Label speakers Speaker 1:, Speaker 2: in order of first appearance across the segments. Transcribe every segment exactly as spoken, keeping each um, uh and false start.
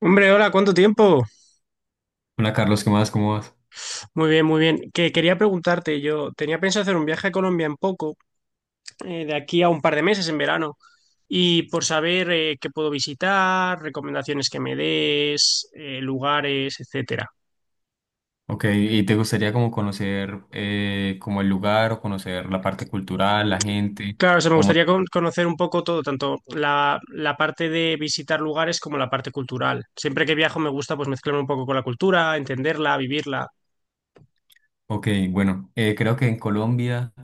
Speaker 1: Hombre, hola, ¿cuánto tiempo?
Speaker 2: Hola Carlos, ¿qué más? ¿Cómo vas?
Speaker 1: Muy bien, muy bien. Que quería preguntarte, yo tenía pensado hacer un viaje a Colombia en poco, eh, de aquí a un par de meses en verano, y por saber eh, qué puedo visitar, recomendaciones que me des, eh, lugares, etcétera.
Speaker 2: Ok, ¿y te gustaría como conocer eh, como el lugar o conocer la parte cultural, la gente?
Speaker 1: Claro, o sea, me
Speaker 2: ¿O más?
Speaker 1: gustaría con- conocer un poco todo, tanto la, la parte de visitar lugares como la parte cultural. Siempre que viajo me gusta pues mezclarme un poco con la cultura, entenderla, vivirla.
Speaker 2: Ok, bueno, eh, creo que en Colombia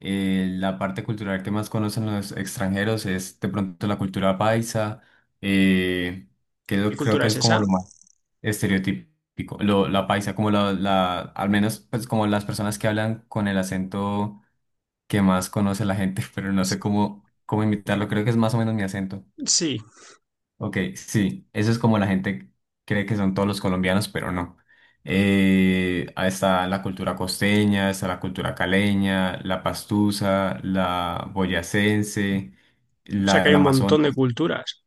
Speaker 2: eh, la parte cultural que más conocen los extranjeros es de pronto la cultura paisa, eh, que
Speaker 1: ¿Qué
Speaker 2: lo- creo
Speaker 1: cultura
Speaker 2: que
Speaker 1: es
Speaker 2: es como
Speaker 1: esa?
Speaker 2: lo más estereotípico, lo- la paisa, como la, la, al menos pues como las personas que hablan con el acento que más conoce la gente, pero no sé cómo, cómo imitarlo, creo que es más o menos mi acento.
Speaker 1: Sí.
Speaker 2: Ok, sí, eso es como la gente cree que son todos los colombianos, pero no. Eh, ahí está la cultura costeña, está la cultura caleña, la pastusa, la boyacense,
Speaker 1: O sea
Speaker 2: la
Speaker 1: que hay
Speaker 2: del
Speaker 1: un
Speaker 2: Amazonas.
Speaker 1: montón de culturas.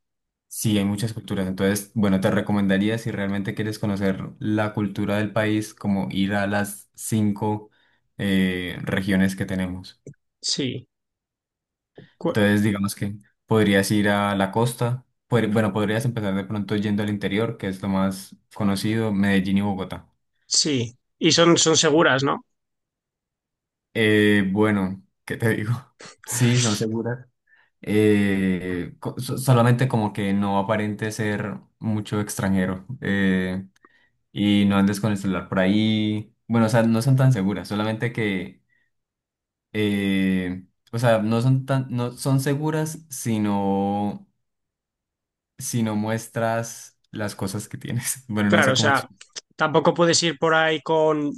Speaker 2: Sí, hay muchas culturas. Entonces, bueno, te recomendaría si realmente quieres conocer la cultura del país, como ir a las cinco eh, regiones que tenemos.
Speaker 1: Sí. Cu-
Speaker 2: Entonces, digamos que podrías ir a la costa, podr- bueno, podrías empezar de pronto yendo al interior, que es lo más conocido, Medellín y Bogotá.
Speaker 1: Sí. Y son, son seguras, ¿no?
Speaker 2: Eh, bueno, ¿qué te digo? Sí, son seguras. Eh, co- so- solamente como que no aparente ser mucho extranjero eh, y no andes con el celular por ahí. Bueno, o sea, no son tan seguras, solamente que, eh, o sea, no son tan, no son seguras, sino si no muestras las cosas que tienes. Bueno, no
Speaker 1: Claro,
Speaker 2: sé
Speaker 1: o
Speaker 2: cómo... ex-
Speaker 1: sea, tampoco puedes ir por ahí con,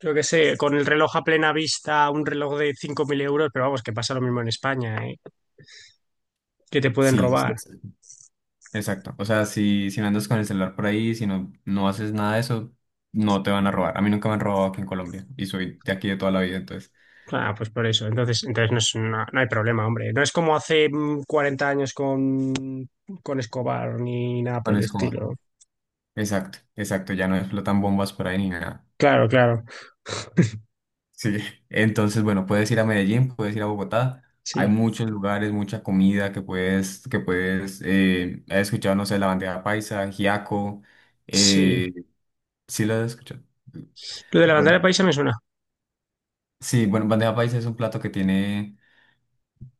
Speaker 1: yo qué sé, con el reloj a plena vista, un reloj de cinco mil euros, pero vamos, que pasa lo mismo en España, ¿eh? Que te pueden
Speaker 2: Sí, sí,
Speaker 1: robar.
Speaker 2: sí, exacto. O sea, si, si no andas con el celular por ahí, si no, no haces nada de eso, no te van a robar. A mí nunca me han robado aquí en Colombia y soy de aquí de toda la vida, entonces...
Speaker 1: Ah, pues por eso. Entonces, entonces no es una- no hay problema, hombre. No es como hace mm, cuarenta años con, con Escobar ni nada por
Speaker 2: Con
Speaker 1: el
Speaker 2: escoba.
Speaker 1: estilo.
Speaker 2: Exacto, exacto. Ya no explotan bombas por ahí ni nada.
Speaker 1: Claro, claro.
Speaker 2: Sí. Entonces, bueno, puedes ir a Medellín, puedes ir a Bogotá. Hay
Speaker 1: Sí,
Speaker 2: muchos lugares, mucha comida que puedes, que puedes, eh, he escuchado, no sé, la bandeja paisa, giaco,
Speaker 1: sí.
Speaker 2: eh, sí lo he escuchado.
Speaker 1: Lo de la bandera
Speaker 2: Bueno,
Speaker 1: paisa me suena.
Speaker 2: sí, bueno, bandeja paisa es un plato que tiene,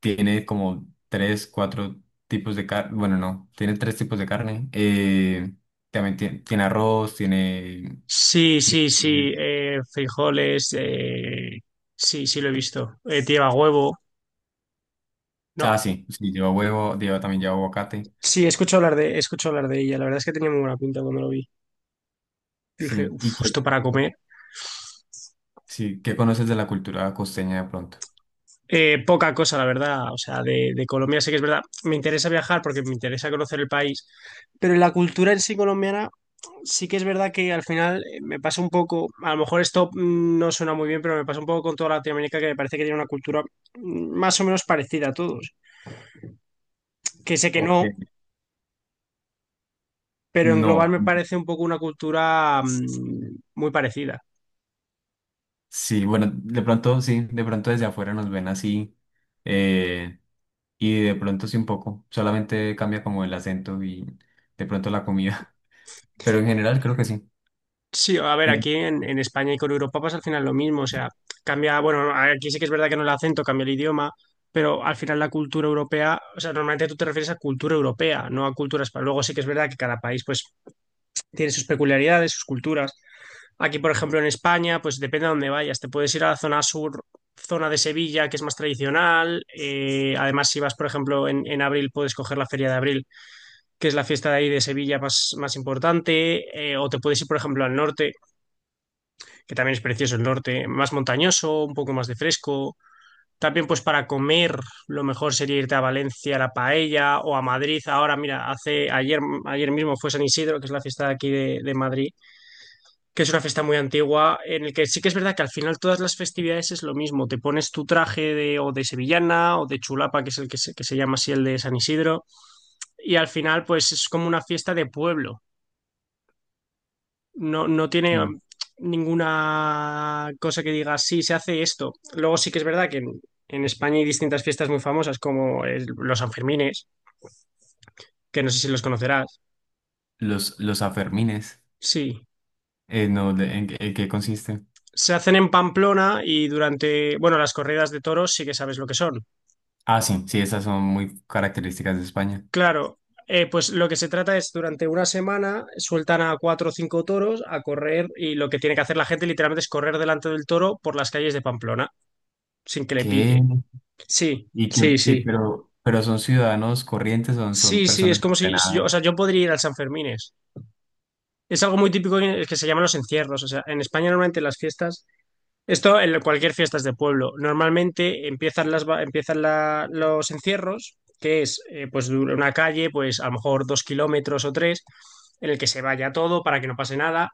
Speaker 2: tiene como tres, cuatro tipos de carne. Bueno, no, tiene tres tipos de carne. Eh, también tiene, tiene arroz, tiene...
Speaker 1: Sí, sí, sí. Eh, frijoles. Eh, sí, sí, lo he visto. Eh, lleva huevo. No.
Speaker 2: Ah, sí, sí, lleva huevo, lleva, también lleva aguacate.
Speaker 1: Sí, escucho hablar de, escucho hablar de ella. La verdad es que tenía muy buena pinta cuando lo vi. Dije,
Speaker 2: Sí, ¿y
Speaker 1: uff,
Speaker 2: qué,
Speaker 1: esto para comer.
Speaker 2: sí, ¿qué conoces de la cultura costeña de pronto?
Speaker 1: Eh, poca cosa, la verdad. O sea, de, de Colombia sé que es verdad. Me interesa viajar porque me interesa conocer el país. Pero en la cultura en sí colombiana, sí que es verdad que al final eh, me pasa un poco, a lo mejor esto mm, no suena muy bien, pero me pasa un poco con toda Latinoamérica que me parece que tiene una cultura mm, más o menos parecida a todos. Que sé que no,
Speaker 2: Ok.
Speaker 1: pero en global
Speaker 2: No,
Speaker 1: me parece un poco una cultura mm, muy parecida.
Speaker 2: sí, bueno, de pronto sí, de pronto desde afuera nos ven así. eh, y de pronto sí un poco, solamente cambia como el acento y de pronto la comida. Pero en general creo que sí.
Speaker 1: Sí, a ver,
Speaker 2: Sí.
Speaker 1: aquí en, en España y con Europa pasa al final lo mismo, o sea, cambia, bueno, aquí sí que es verdad que no el acento, cambia el idioma, pero al final la cultura europea, o sea, normalmente tú te refieres a cultura europea, no a cultura española. Luego sí que es verdad que cada país pues tiene sus peculiaridades, sus culturas. Aquí, por ejemplo, en España, pues depende a dónde vayas. Te puedes ir a la zona sur, zona de Sevilla, que es más tradicional. Eh, además, si vas, por ejemplo, en, en abril, puedes coger la Feria de Abril, que es la fiesta de ahí de Sevilla más, más importante. Eh, o te puedes ir, por ejemplo, al norte, que también es precioso el norte, más montañoso, un poco más de fresco. También, pues para comer, lo mejor sería irte a Valencia, a la paella, o a Madrid. Ahora, mira, hace ayer, ayer mismo fue San Isidro, que es la fiesta de aquí de, de Madrid, que es una fiesta muy antigua, en el que sí que es verdad que al final todas las festividades es lo mismo. Te pones tu traje de, o de sevillana o de chulapa, que es el que se, que se llama así el de San Isidro, y al final pues es como una fiesta de pueblo. No, no tiene
Speaker 2: Bueno,
Speaker 1: um, ninguna cosa que diga, sí, se hace esto. Luego sí que es verdad que en, en España hay distintas fiestas muy famosas como el- los Sanfermines, que no sé si los conocerás.
Speaker 2: los, los afermines,
Speaker 1: Sí.
Speaker 2: eh, no, de- ¿en, qué en qué consiste?
Speaker 1: Se hacen en Pamplona y durante, bueno, las corridas de toros sí que sabes lo que son.
Speaker 2: Ah, sí, sí, esas son muy características de España.
Speaker 1: Claro, eh, pues lo que se trata es durante una semana sueltan a cuatro o cinco toros a correr y lo que tiene que hacer la gente literalmente es correr delante del toro por las calles de Pamplona sin que le
Speaker 2: ¿Qué?
Speaker 1: pille. Sí,
Speaker 2: ¿Y qué?
Speaker 1: sí,
Speaker 2: y
Speaker 1: sí.
Speaker 2: pero, pero son ciudadanos corrientes, son, son
Speaker 1: Sí, sí, es
Speaker 2: personas
Speaker 1: como si si
Speaker 2: entrenadas.
Speaker 1: yo, o sea, yo podría ir al Sanfermines. Es algo muy típico que que se llaman los encierros. O sea, en España normalmente las fiestas esto en cualquier fiesta es de pueblo. Normalmente empiezan las, va- empiezan la- los encierros, que es eh, pues dura una calle, pues a lo mejor dos kilómetros o tres, en el que se vaya todo para que no pase nada.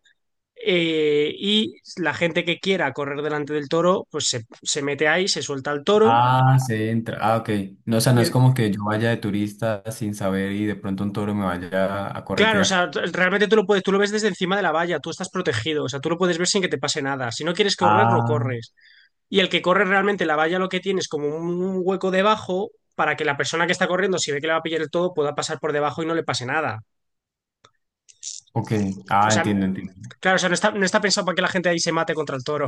Speaker 1: Eh, y la gente que quiera correr delante del toro, pues se, se mete ahí, se suelta al toro.
Speaker 2: Ah, se entra. Ah, ok. No, o sea,
Speaker 1: Y
Speaker 2: no es
Speaker 1: el-
Speaker 2: como que yo vaya de turista sin saber y de pronto un toro me vaya a
Speaker 1: claro, o
Speaker 2: corretear.
Speaker 1: sea, t- realmente tú lo puedes, tú lo ves desde encima de la valla, tú estás protegido, o sea, tú lo puedes ver sin que te pase nada. Si no quieres correr, no
Speaker 2: Ah,
Speaker 1: corres. Y el que corre realmente la valla lo que tiene es como un hueco debajo para que la persona que está corriendo, si ve que le va a pillar el todo, pueda pasar por debajo y no le pase nada.
Speaker 2: ok.
Speaker 1: O
Speaker 2: Ah,
Speaker 1: sea,
Speaker 2: entiendo, entiendo.
Speaker 1: claro, o sea, no está, no está pensado para que la gente ahí se mate contra el toro.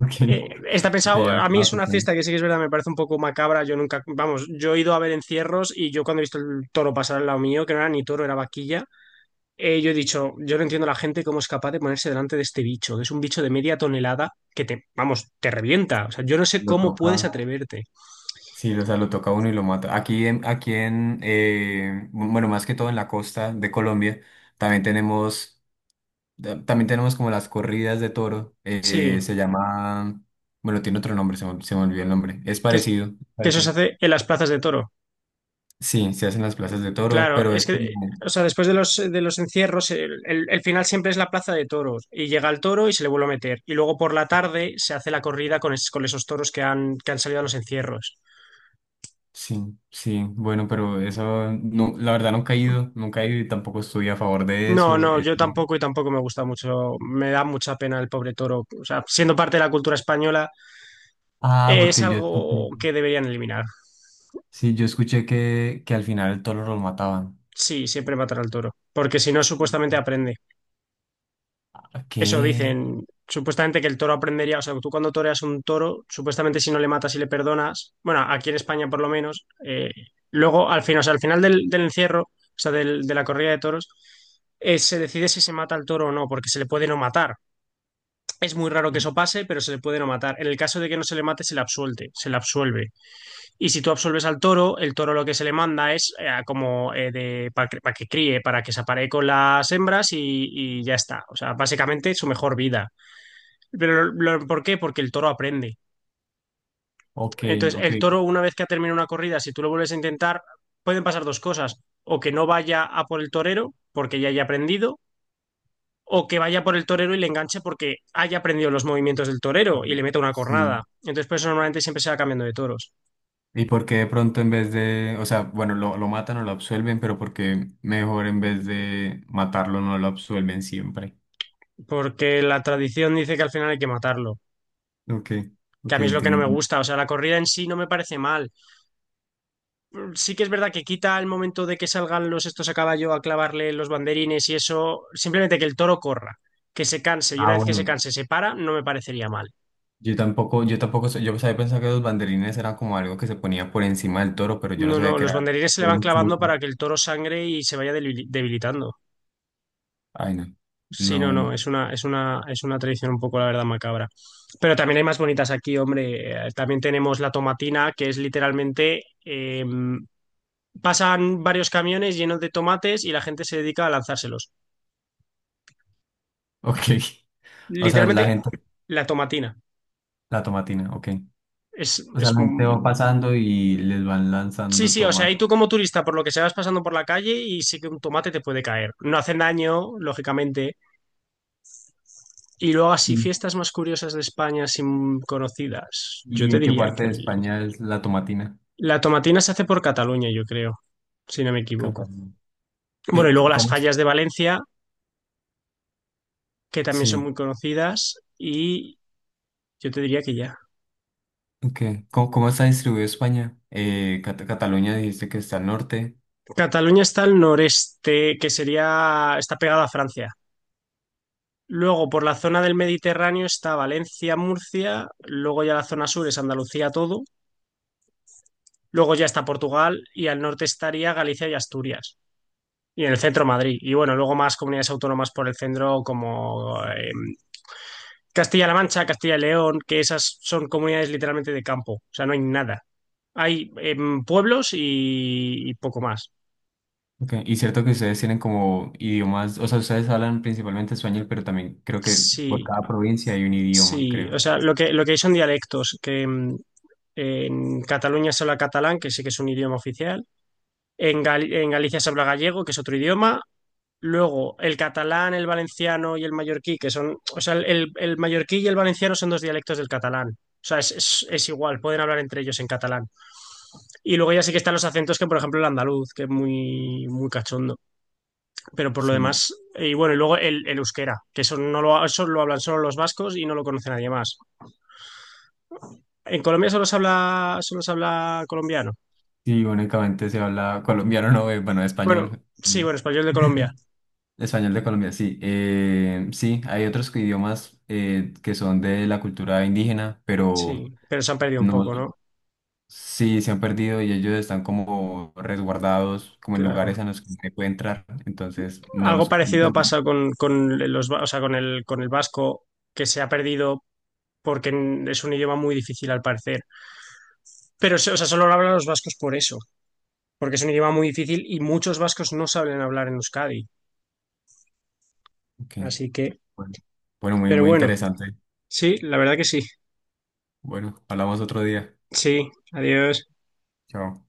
Speaker 2: Ok,
Speaker 1: Eh, está
Speaker 2: ok,
Speaker 1: pensado,
Speaker 2: ya me
Speaker 1: a mí
Speaker 2: estaba
Speaker 1: es una
Speaker 2: asustando.
Speaker 1: fiesta que sí que es verdad, me parece un poco macabra. Yo nunca, vamos, yo he ido a ver encierros y yo cuando he visto el toro pasar al lado mío, que no era ni toro, era vaquilla, eh, yo he dicho, yo no entiendo a la gente cómo es capaz de ponerse delante de este bicho, que es un bicho de media tonelada que te, vamos, te revienta. O sea, yo no sé
Speaker 2: Lo
Speaker 1: cómo puedes
Speaker 2: toca.
Speaker 1: atreverte.
Speaker 2: Sí, o sea, lo toca a uno y lo mata. Aquí en, aquí en eh, bueno, más que todo en la costa de Colombia, también tenemos, ta- también tenemos como las corridas de toro.
Speaker 1: Sí,
Speaker 2: Eh, se llama, bueno, tiene otro nombre, se me, se me olvidó el nombre. Es
Speaker 1: que,
Speaker 2: parecido,
Speaker 1: que eso se
Speaker 2: parecido.
Speaker 1: hace en las plazas de toro.
Speaker 2: Sí, se hacen las plazas de toro,
Speaker 1: Claro,
Speaker 2: pero es
Speaker 1: es que,
Speaker 2: como,
Speaker 1: o sea, después de los, de los encierros, el, el- el final siempre es la plaza de toros y llega el toro y se le vuelve a meter. Y luego por la tarde se hace la corrida con, es- con esos toros que han, que han salido a los encierros.
Speaker 2: sí, sí, bueno, pero eso, no, la verdad nunca he ido, nunca he ido y tampoco estoy a favor de
Speaker 1: No,
Speaker 2: eso.
Speaker 1: no,
Speaker 2: Eh,
Speaker 1: yo tampoco y tampoco me gusta mucho. Me da mucha pena el pobre toro. O sea, siendo parte de la cultura española,
Speaker 2: ah,
Speaker 1: eh, es
Speaker 2: porque yo
Speaker 1: algo
Speaker 2: escuché,
Speaker 1: que deberían eliminar.
Speaker 2: sí, yo escuché que, que al final el toro lo mataban.
Speaker 1: Sí, siempre matar al toro, porque si no, supuestamente aprende. Eso
Speaker 2: ¿Qué?
Speaker 1: dicen, supuestamente que el toro aprendería, o sea, tú cuando toreas un toro, supuestamente si no le matas y le perdonas, bueno, aquí en España por lo menos, eh, luego al final, o sea, al final del, del encierro, o sea, del- de la corrida de toros, eh, se decide si se mata al toro o no, porque se le puede no matar. Es muy raro que eso pase, pero se le puede no matar. En el caso de que no se le mate, se le absuelte, se le absuelve. Y si tú absuelves al toro, el toro lo que se le manda es eh, como eh, de, para que, pa' que críe, para que se aparee con las hembras y, y ya está. O sea, básicamente su mejor vida. Pero lo- lo- ¿por qué? Porque el toro aprende.
Speaker 2: Ok,
Speaker 1: Entonces,
Speaker 2: ok.
Speaker 1: el toro, una vez que ha terminado una corrida, si tú lo vuelves a intentar, pueden pasar dos cosas. O que no vaya a por el torero, porque ya haya aprendido, o que vaya por el torero y le enganche porque haya aprendido los movimientos del
Speaker 2: A
Speaker 1: torero y le
Speaker 2: ver,
Speaker 1: meta una
Speaker 2: sí.
Speaker 1: cornada. Entonces, por eso normalmente siempre se va cambiando de toros.
Speaker 2: ¿Y por qué de pronto en vez de, o sea, bueno, lo, lo matan o lo absuelven, pero por qué mejor en vez de matarlo no lo absuelven siempre?
Speaker 1: Porque la tradición dice que al final hay que matarlo.
Speaker 2: Ok,
Speaker 1: Que a
Speaker 2: ok,
Speaker 1: mí es lo que no me
Speaker 2: entiendo.
Speaker 1: gusta. O sea, la corrida en sí no me parece mal. Sí que es verdad que quita el momento de que salgan los estos a caballo a clavarle los banderines y eso, simplemente que el toro corra, que se canse y una
Speaker 2: Ah,
Speaker 1: vez que se
Speaker 2: bueno.
Speaker 1: canse se para, no me parecería mal.
Speaker 2: Yo tampoco, yo tampoco, sé- yo sabía pensar que los banderines eran como algo que se ponía por encima del toro, pero yo no
Speaker 1: No,
Speaker 2: sabía
Speaker 1: no,
Speaker 2: que
Speaker 1: los
Speaker 2: era,
Speaker 1: banderines se le
Speaker 2: era
Speaker 1: van
Speaker 2: un chuzo.
Speaker 1: clavando para que el toro sangre y se vaya deli- debilitando.
Speaker 2: Ay, no.
Speaker 1: Sí,
Speaker 2: No,
Speaker 1: no,
Speaker 2: bueno.
Speaker 1: no, es una, es una, es una tradición un poco, la verdad, macabra. Pero también hay más bonitas aquí, hombre. Eh, También tenemos la tomatina, que es literalmente, eh, pasan varios camiones llenos de tomates y la gente se dedica a lanzárselos.
Speaker 2: Ok. O sea, la
Speaker 1: Literalmente,
Speaker 2: gente,
Speaker 1: la tomatina.
Speaker 2: la tomatina, ok.
Speaker 1: Es,
Speaker 2: O
Speaker 1: es,
Speaker 2: sea, la gente va
Speaker 1: mm,
Speaker 2: pasando y les van
Speaker 1: sí,
Speaker 2: lanzando
Speaker 1: sí, o sea,
Speaker 2: tomas.
Speaker 1: y tú como turista, por lo que se vas pasando por la calle y sí que un tomate te puede caer. No hacen daño, lógicamente. Y luego así, fiestas más curiosas de España sin conocidas. Yo
Speaker 2: ¿Y
Speaker 1: te
Speaker 2: en qué
Speaker 1: diría
Speaker 2: parte
Speaker 1: que
Speaker 2: de España es la tomatina?
Speaker 1: la tomatina se hace por Cataluña, yo creo, si no me equivoco.
Speaker 2: Cataluña.
Speaker 1: Bueno,
Speaker 2: Eh,
Speaker 1: y
Speaker 2: c-
Speaker 1: luego las
Speaker 2: ¿cómo es?
Speaker 1: fallas de Valencia, que también son
Speaker 2: Sí,
Speaker 1: muy conocidas. Y yo te diría que ya.
Speaker 2: ok. ¿Cómo, cómo está distribuido España? Eh, Cata- Cataluña dijiste que está al norte.
Speaker 1: Cataluña está al noreste, que sería, está pegada a Francia. Luego, por la zona del Mediterráneo está Valencia, Murcia, luego ya la zona sur es Andalucía todo, luego ya está Portugal y al norte estaría Galicia y Asturias, y en el centro Madrid. Y bueno, luego más comunidades autónomas por el centro como eh, Castilla-La Mancha, Castilla y León, que esas son comunidades literalmente de campo, o sea, no hay nada. Hay eh, pueblos y, y poco más.
Speaker 2: Ok. Y cierto que ustedes tienen como idiomas, o sea, ustedes hablan principalmente español, pero también creo que por
Speaker 1: Sí,
Speaker 2: cada provincia hay un idioma,
Speaker 1: sí,
Speaker 2: creo.
Speaker 1: o sea, lo que, lo que hay son dialectos, que mm, en Cataluña se habla catalán, que sí que es un idioma oficial. En, Gal- en Galicia se habla gallego, que es otro idioma. Luego, el catalán, el valenciano y el mallorquí, que son, o sea, el, el- el mallorquí y el valenciano son dos dialectos del catalán. O sea, es, es- es igual, pueden hablar entre ellos en catalán. Y luego ya sí que están los acentos, que por ejemplo el andaluz, que es muy, muy cachondo. Pero por lo demás,
Speaker 2: Sí.
Speaker 1: eh, y bueno, y luego el, el euskera, que eso no lo, eso lo hablan solo los vascos y no lo conoce nadie más. En Colombia solo se habla, solo se habla colombiano.
Speaker 2: Sí, únicamente se habla colombiano, no, eh, bueno,
Speaker 1: Bueno,
Speaker 2: español.
Speaker 1: sí, bueno,
Speaker 2: Sí.
Speaker 1: español de Colombia.
Speaker 2: Español de Colombia, sí. Eh, sí, hay otros que- idiomas eh, que son de la cultura indígena, pero
Speaker 1: Sí, pero se han perdido un poco,
Speaker 2: no.
Speaker 1: ¿no?
Speaker 2: Sí, se han perdido y ellos están como resguardados, como en lugares
Speaker 1: Claro.
Speaker 2: a los que no se puede entrar. Entonces, no
Speaker 1: Algo
Speaker 2: los...
Speaker 1: parecido
Speaker 2: pues,
Speaker 1: pasa con, con los, va- o sea, con el, con el vasco, que se ha perdido porque es un idioma muy difícil al parecer. Pero, o sea, solo lo hablan los vascos por eso, porque es un idioma muy difícil y muchos vascos no saben hablar en Euskadi.
Speaker 2: ok,
Speaker 1: Así que,
Speaker 2: bueno, bueno, muy,
Speaker 1: pero
Speaker 2: muy
Speaker 1: bueno,
Speaker 2: interesante.
Speaker 1: sí, la verdad que sí.
Speaker 2: Bueno, hablamos otro día.
Speaker 1: Sí, adiós.
Speaker 2: Chao.